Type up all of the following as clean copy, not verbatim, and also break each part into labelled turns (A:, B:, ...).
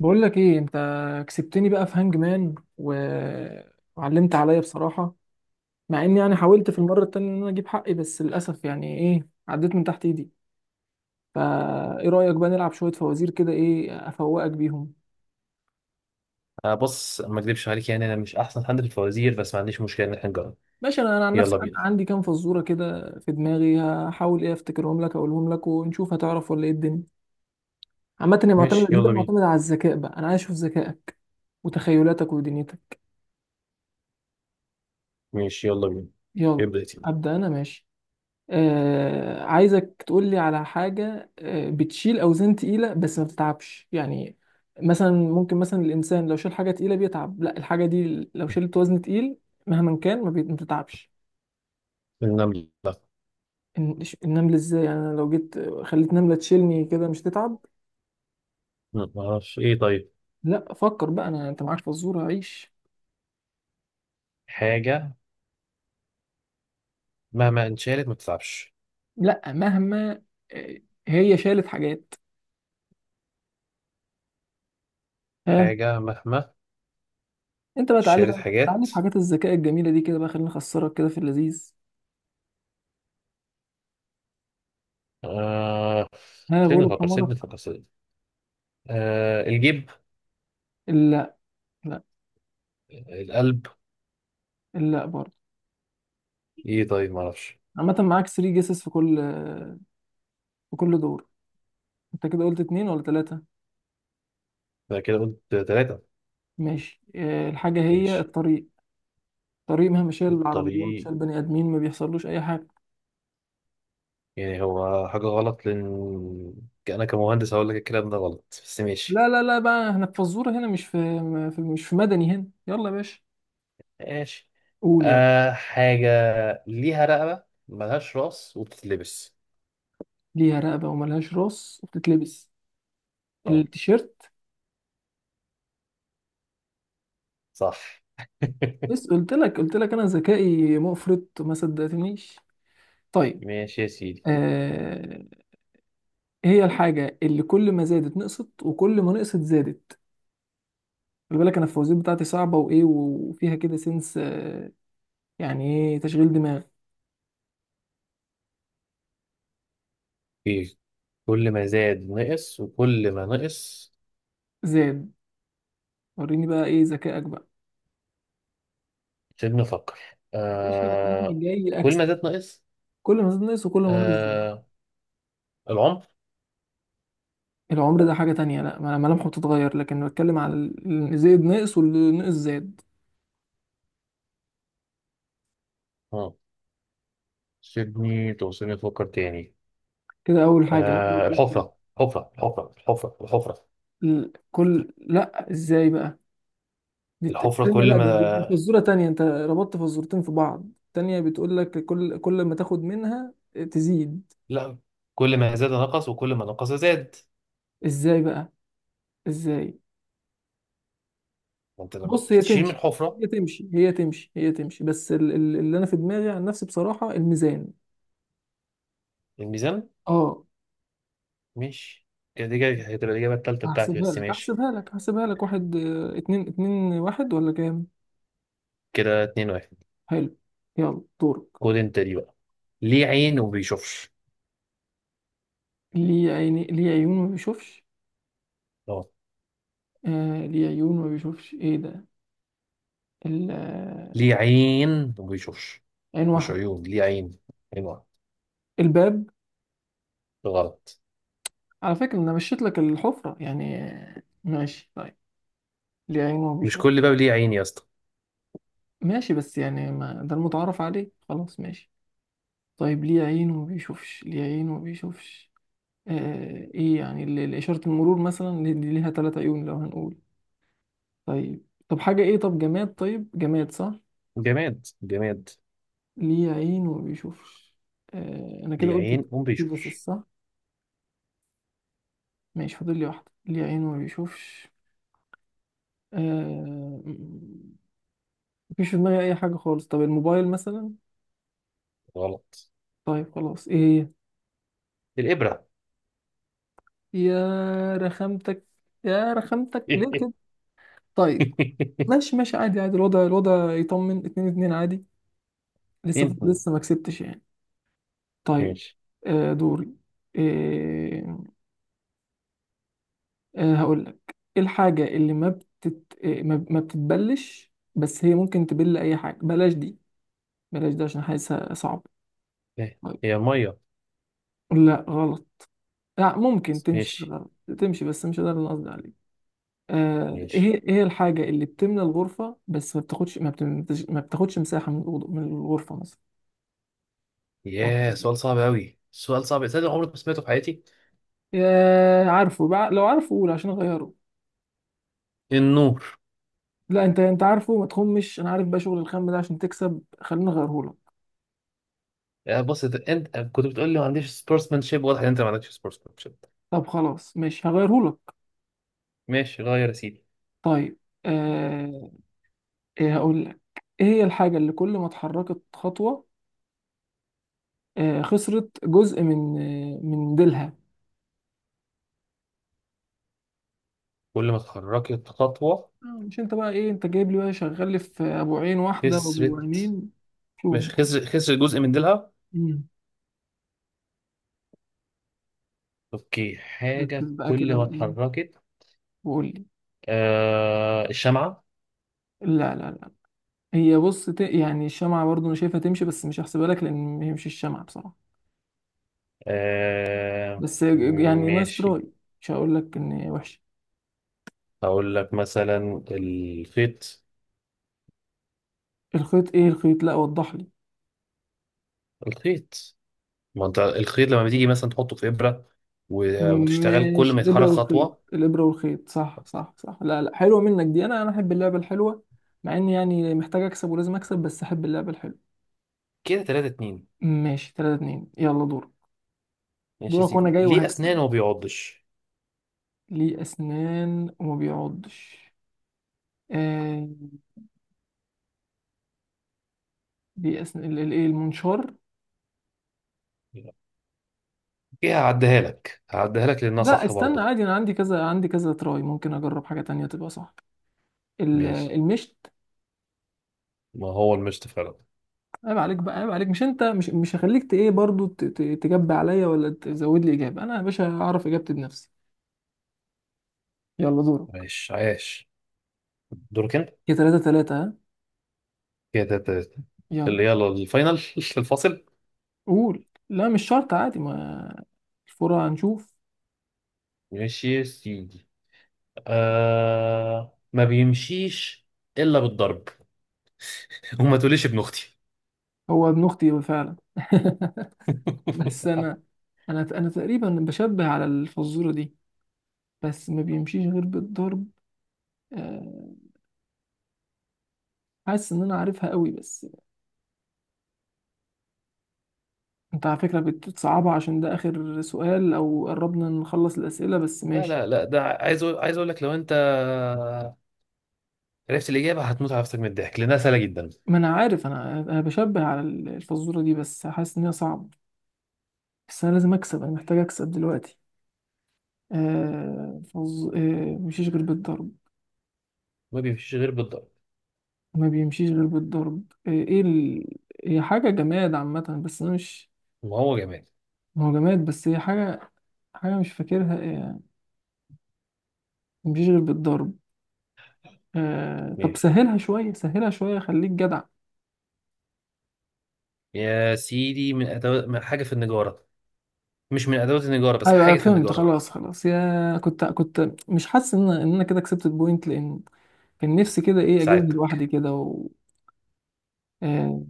A: بقول لك ايه انت كسبتني بقى في هانج مان و... وعلمت عليا بصراحة. مع اني يعني حاولت في المرة التانية ان انا اجيب حقي، بس للاسف يعني ايه، عديت من تحت ايدي. فا ايه رأيك بقى نلعب شوية فوازير كده، ايه افوقك بيهم؟
B: آه، بص، ما اكذبش عليك، يعني انا مش احسن حد في الفوازير، بس ما عنديش مشكله ان احنا نجرب.
A: ماشي، انا عن نفسي
B: يلا بينا.
A: عندي كام فزورة كده في دماغي، هحاول ايه افتكرهم لك، اقولهم لك ونشوف هتعرف ولا ايه الدنيا. عامة هي معتمدة،
B: ماشي
A: دي بقى
B: يلا بينا.
A: معتمدة على الذكاء بقى، انا عايز اشوف ذكائك وتخيلاتك ودنيتك.
B: ماشي يلا بينا.
A: يلا
B: ابدا يلا.
A: ابدأ، انا ماشي. آه، عايزك تقول لي على حاجة، بتشيل أوزان تقيلة بس ما بتتعبش يعني. مثلا ممكن مثلا الإنسان لو شال حاجة تقيلة بيتعب، لا، الحاجة دي لو شلت وزن تقيل مهما كان ما بتتعبش.
B: النمله.
A: النملة؟ إزاي يعني، أنا لو جيت خليت نملة تشيلني كده مش تتعب؟
B: ما اعرفش، ايه طيب؟
A: لا فكر بقى، أنت معاك فزورة عيش.
B: حاجه مهما انشالت ما بتتعبش.
A: لا، مهما آه، هي شالت حاجات. ها،
B: حاجه مهما
A: أنت بقى تعالي
B: شالت
A: بقى، تعالي
B: حاجات.
A: في حاجات الذكاء الجميلة دي كده بقى، خليني أخسرك كده في اللذيذ.
B: آه،
A: ها، غلب حمارك.
B: سيبني آه، الجيب.
A: لا لا،
B: القلب.
A: لا برضه.
B: ايه طيب، ما اعرفش.
A: عامة معاك 3 جيسز في كل دور. انت كده قلت اتنين ولا تلاتة؟
B: ده كده قلت ثلاثه.
A: ماشي. الحاجة هي
B: ماشي.
A: الطريق. الطريق مهما شال العربيات،
B: الطريق.
A: شال بني آدمين، ما بيحصلوش أي حاجة.
B: يعني هو حاجة غلط، لأن أنا كمهندس هقول لك الكلام ده غلط، بس ماشي.
A: لا لا لا، بقى احنا في فزورة هنا، مش في مدني هنا، يلا يا باشا.
B: ماشي.
A: قول يلا.
B: آه، حاجة ليها رقبة ملهاش رأس وبتتلبس.
A: ليها رقبة وملهاش راس وبتتلبس،
B: اه
A: التيشيرت.
B: صح.
A: بس قلت لك، قلت لك أنا ذكائي مفرط ما صدقتنيش. طيب،
B: ماشي يا سيدي.
A: آه هي الحاجة اللي كل ما زادت نقصت وكل ما نقصت زادت. خلي بالك انا الفوازير بتاعتي صعبه وايه، وفيها كده سنس، يعني ايه، تشغيل دماغ.
B: إيه؟ كل ما زاد نقص وكل ما نقص.
A: زاد. وريني بقى ايه ذكائك بقى،
B: سيبني أفكر.
A: مش يعني
B: آه،
A: جاي
B: كل
A: اكسب.
B: ما زاد نقص.
A: كل ما زاد ناقص وكل ما ناقص زاد.
B: آه، العمر.
A: العمر ده حاجه تانية، لا، ملامحه بتتغير، لكن بتكلم على اللي زاد ناقص واللي ناقص زاد.
B: اه، سيبني توصلني أفكر تاني.
A: كده اول حاجه.
B: آه، الحفرة. حفرة الحفرة الحفرة الحفرة
A: كل، لا، ازاي بقى؟ دي
B: الحفرة
A: التانية،
B: كل
A: لا، دي
B: ما.
A: فزوره تانية، انت ربطت فزورتين في بعض. التانية بتقول لك كل ما تاخد منها تزيد.
B: لا، كل ما زاد نقص وكل ما نقص زاد.
A: ازاي بقى، ازاي؟
B: ما انت لما
A: بص، هي
B: بتشيل من
A: تمشي،
B: الحفرة.
A: هي تمشي، هي تمشي، هي تمشي، بس اللي انا في دماغي عن نفسي بصراحة، الميزان.
B: الميزان.
A: اه.
B: ماشي. كده دي كده هتبقى الإجابة التالتة بتاعتي،
A: هحسبها
B: بس
A: لك،
B: ماشي.
A: هحسبها لك، هحسبها لك. واحد، اتنين. اتنين واحد ولا كام؟
B: كده اتنين واحد.
A: حلو. يلا دورك.
B: خد انت دي بقى. ليه عين وما بيشوفش؟
A: ليه عيون ما بيشوفش؟
B: اه،
A: آه، ليه عيون ما بيشوفش، ايه ده؟ ال- آه،
B: ليه عين وما بيشوفش.
A: عين
B: مش
A: واحدة.
B: عيون، ليه عين. عين واحد.
A: الباب.
B: غلط.
A: على فكرة انا مشيت لك الحفرة يعني، ماشي طيب. ليه عيون ما
B: مش
A: بيشوفش.
B: كل باب ليه عين يا اسطى؟
A: ماشي بس يعني، ما ده المتعارف عليه، خلاص ماشي. طيب، ليه عين وما بيشوفش؟ ليه عين وما بيشوفش؟ آه، ايه يعني، إشارة المرور مثلا، دي ليها ثلاث عيون لو هنقول. طيب، طب حاجة ايه، طب جماد، طيب جماد صح.
B: جماد جماد.
A: ليه عين وما بيشوفش؟ انا كده
B: ليه
A: قلت،
B: عين وما
A: بس
B: بيشوفش.
A: صح. ماشي، فاضل لي واحدة. ليه عين وما بيشوفش؟ آه مفيش في دماغي اي حاجة خالص. طب الموبايل مثلا؟
B: غلط.
A: طيب خلاص، ايه؟
B: الإبرة.
A: هي يا رخامتك، يا رخامتك، ليه كده؟ طيب. ماشي ماشي، عادي عادي، الوضع الوضع يطمن، اتنين اتنين، عادي. لسه
B: اتنين.
A: لسه ما كسبتش يعني. طيب.
B: ماشي.
A: دوري. آه هقول لك. ايه الحاجة اللي ما بتتبلش، بس هي ممكن تبل اي حاجة؟ بلاش دي، بلاش ده عشان حاسسها صعب.
B: إيه،
A: طيب.
B: هي المية.
A: لا غلط. لا، ممكن تمشي
B: ماشي.
A: غلط، تمشي، بس مش ده اللي أنا قصدي عليه. ايه
B: ماشي.
A: ايه الحاجة اللي بتملى الغرفة بس ما بتاخدش مساحة من الغرفة مثلا؟
B: ياه،
A: أوكي.
B: سؤال صعب أوي، سؤال صعب، صدق عمري ما سمعته في حياتي.
A: عارفه بقى؟ لو عارفه قول عشان اغيره.
B: النور.
A: لا، انت انت عارفه، ما تخمش، انا عارف بقى شغل الخم ده عشان تكسب، خليني اغيرهولك.
B: آه، بص، أنت كنت بتقول لي ما عنديش سبورتسمانشيب، واضح إن أنت ما عندكش سبورتسمانشيب.
A: طب خلاص ماشي، هغيرهولك.
B: ماشي، غير يا سيدي.
A: طيب، آه ايه هقول لك. ايه هي الحاجة اللي كل ما اتحركت خطوة خسرت جزء من ديلها؟
B: كل ما اتحركت خطوة.
A: مش انت بقى ايه، انت جايب لي بقى شغال لي في ابو عين واحدة وابو
B: خسرت.
A: عينين. شوف
B: مش
A: بقى.
B: خسر، خسر جزء من ديلها.
A: مم.
B: أوكي. حاجة
A: ركز بقى
B: كل
A: كده
B: ما
A: وايه،
B: اتحركت.
A: وقول لي.
B: آه، الشمعة.
A: لا لا لا. هي بص يعني الشمعة برضو انا شايفها تمشي بس مش هحسبها لك، لان ما هي مش الشمعة بصراحة.
B: آه.
A: بس يعني نايس
B: ماشي.
A: تراي، مش هقول لك ان وحش.
B: هقول لك مثلا الخيط.
A: الخيط؟ ايه الخيط، لا وضح لي.
B: الخيط. ما انت الخيط لما بتيجي مثلا تحطه في ابره وتشتغل كل
A: ماشي،
B: ما
A: الابره
B: يتحرك
A: والخيط،
B: خطوه.
A: الابره والخيط، صح صح صح. لا لا، حلوه منك دي، انا احب اللعبه الحلوه. مع اني يعني محتاج اكسب ولازم اكسب، بس احب اللعبه الحلوه.
B: كده 3 2.
A: ماشي 3-2، يلا دورك.
B: ماشي يا
A: دورك وانا
B: سيدي.
A: جاي
B: ليه اسنان
A: وهكسب.
B: وما بيعضش؟
A: ليه اسنان وما بيعضش؟ آه ليه اسنان، الايه، المنشار.
B: ايه، هعديها لك، هعديها لك لانها
A: لا
B: صح
A: استنى
B: برضه.
A: عادي، انا عندي كذا، عندي كذا تراي، ممكن اجرب حاجه تانية تبقى صح.
B: ماشي.
A: المشت.
B: ما هو المشط فعلا.
A: عيب عليك بقى، عيب عليك، مش انت مش مش هخليك ايه برضو تجب عليا ولا تزود لي اجابه، انا يا باشا اعرف اجابتي بنفسي. يلا دورك.
B: عايش، عايش. دورك انت.
A: يا تلاتة تلاتة، ها،
B: كده تلاتة تلاتة.
A: يلا.
B: اللي يلا الفاينل. الفاصل.
A: قول، لا مش شرط عادي، ما الفرع هنشوف.
B: ماشي يا سيدي. آه، ما بيمشيش الا بالضرب. وما تقوليش ابن اختي.
A: هو ابن اختي فعلا بس انا تقريبا بشبه على الفزوره دي، بس ما بيمشيش غير بالضرب. آه، حاسس ان انا عارفها قوي، بس انت على فكره بتصعبها عشان ده اخر سؤال او قربنا نخلص الاسئله، بس
B: لا
A: ماشي.
B: لا لا ده عايز عايز اقول لك، لو انت عرفت الإجابة هتموت على نفسك من الضحك لأنها سهلة جدا.
A: ما انا عارف، انا بشبه على الفزوره دي، بس حاسس ان هي صعبه، بس انا لازم اكسب، انا محتاج اكسب دلوقتي. آه فز... آه مشيش غير بالضرب.
B: ما بيمشيش غير بالضرب.
A: ما بيمشيش غير بالضرب. هي حاجه جماد عامه بس انا مش،
B: وهو جمال.
A: ما هو جماد، بس هي حاجه مش فاكرها. آه مشيش غير بالضرب. طب
B: ماشي
A: سهلها شويه، سهلها شويه، خليك جدع.
B: يا سيدي، من أدوات، من حاجة في النجارة. مش من أدوات النجارة، بس
A: ايوه ايوه
B: حاجة في
A: فهمت،
B: النجارة.
A: خلاص خلاص، يا كنت مش حاسس ان انا كده كسبت البوينت، لان كان نفسي كده ايه اجيبها
B: ساعدتك.
A: لوحدي كده آه،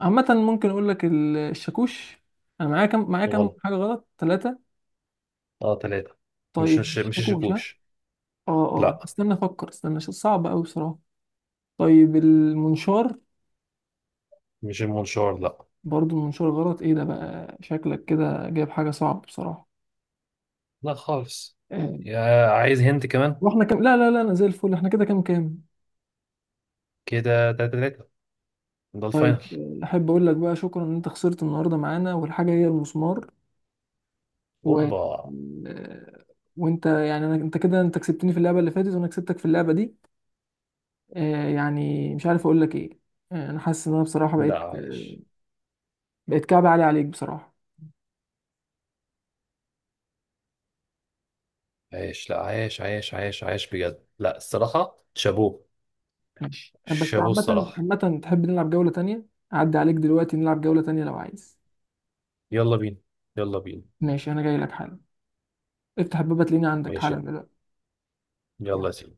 A: عامة ممكن أقول لك الشاكوش. أنا معايا كام، معايا كام
B: غلط.
A: حاجة غلط؟ ثلاثة؟
B: اه تلاتة. مش
A: طيب
B: مش مش
A: الشاكوش، ها؟
B: الشاكوش،
A: اه اه،
B: لا.
A: استنى أفكر، استنى، صعب أوي بصراحة. طيب المنشار؟
B: مش المنشار، لا.
A: برضو المنشار غلط؟ إيه ده بقى، شكلك كده جايب حاجة صعب بصراحة.
B: لا خالص.
A: آه.
B: يا عايز هنت كمان.
A: وإحنا كام؟ لا لا لا، أنا زي الفل. إحنا كده كام كام؟
B: كده تلاتة تلاتة. ده
A: طيب.
B: الفاينل.
A: أحب أقول لك بقى شكرا إن أنت خسرت النهاردة معانا، والحاجة هي المسمار. و
B: اوبا.
A: آه، وأنت يعني، أنا أنت كده أنت كسبتني في اللعبة اللي فاتت، وأنا كسبتك في اللعبة دي. يعني مش عارف اقول لك ايه. انا حاسس ان انا بصراحه
B: لا عايش،
A: بقيت كعب عالي عليك بصراحه.
B: عايش بجد، لا، الصراحة شابوه.
A: ماشي، بس
B: شابوه
A: عامه
B: الصراحة.
A: عامه تحب نلعب جوله تانية؟ اعدي عليك دلوقتي نلعب جوله تانية لو عايز.
B: يلا بينا. يلا بينا.
A: ماشي انا جاي لك حالا، افتح الباب تلاقيني عندك
B: ماشي
A: حالا
B: يلا.
A: دلوقتي.
B: يلا يا سيدي.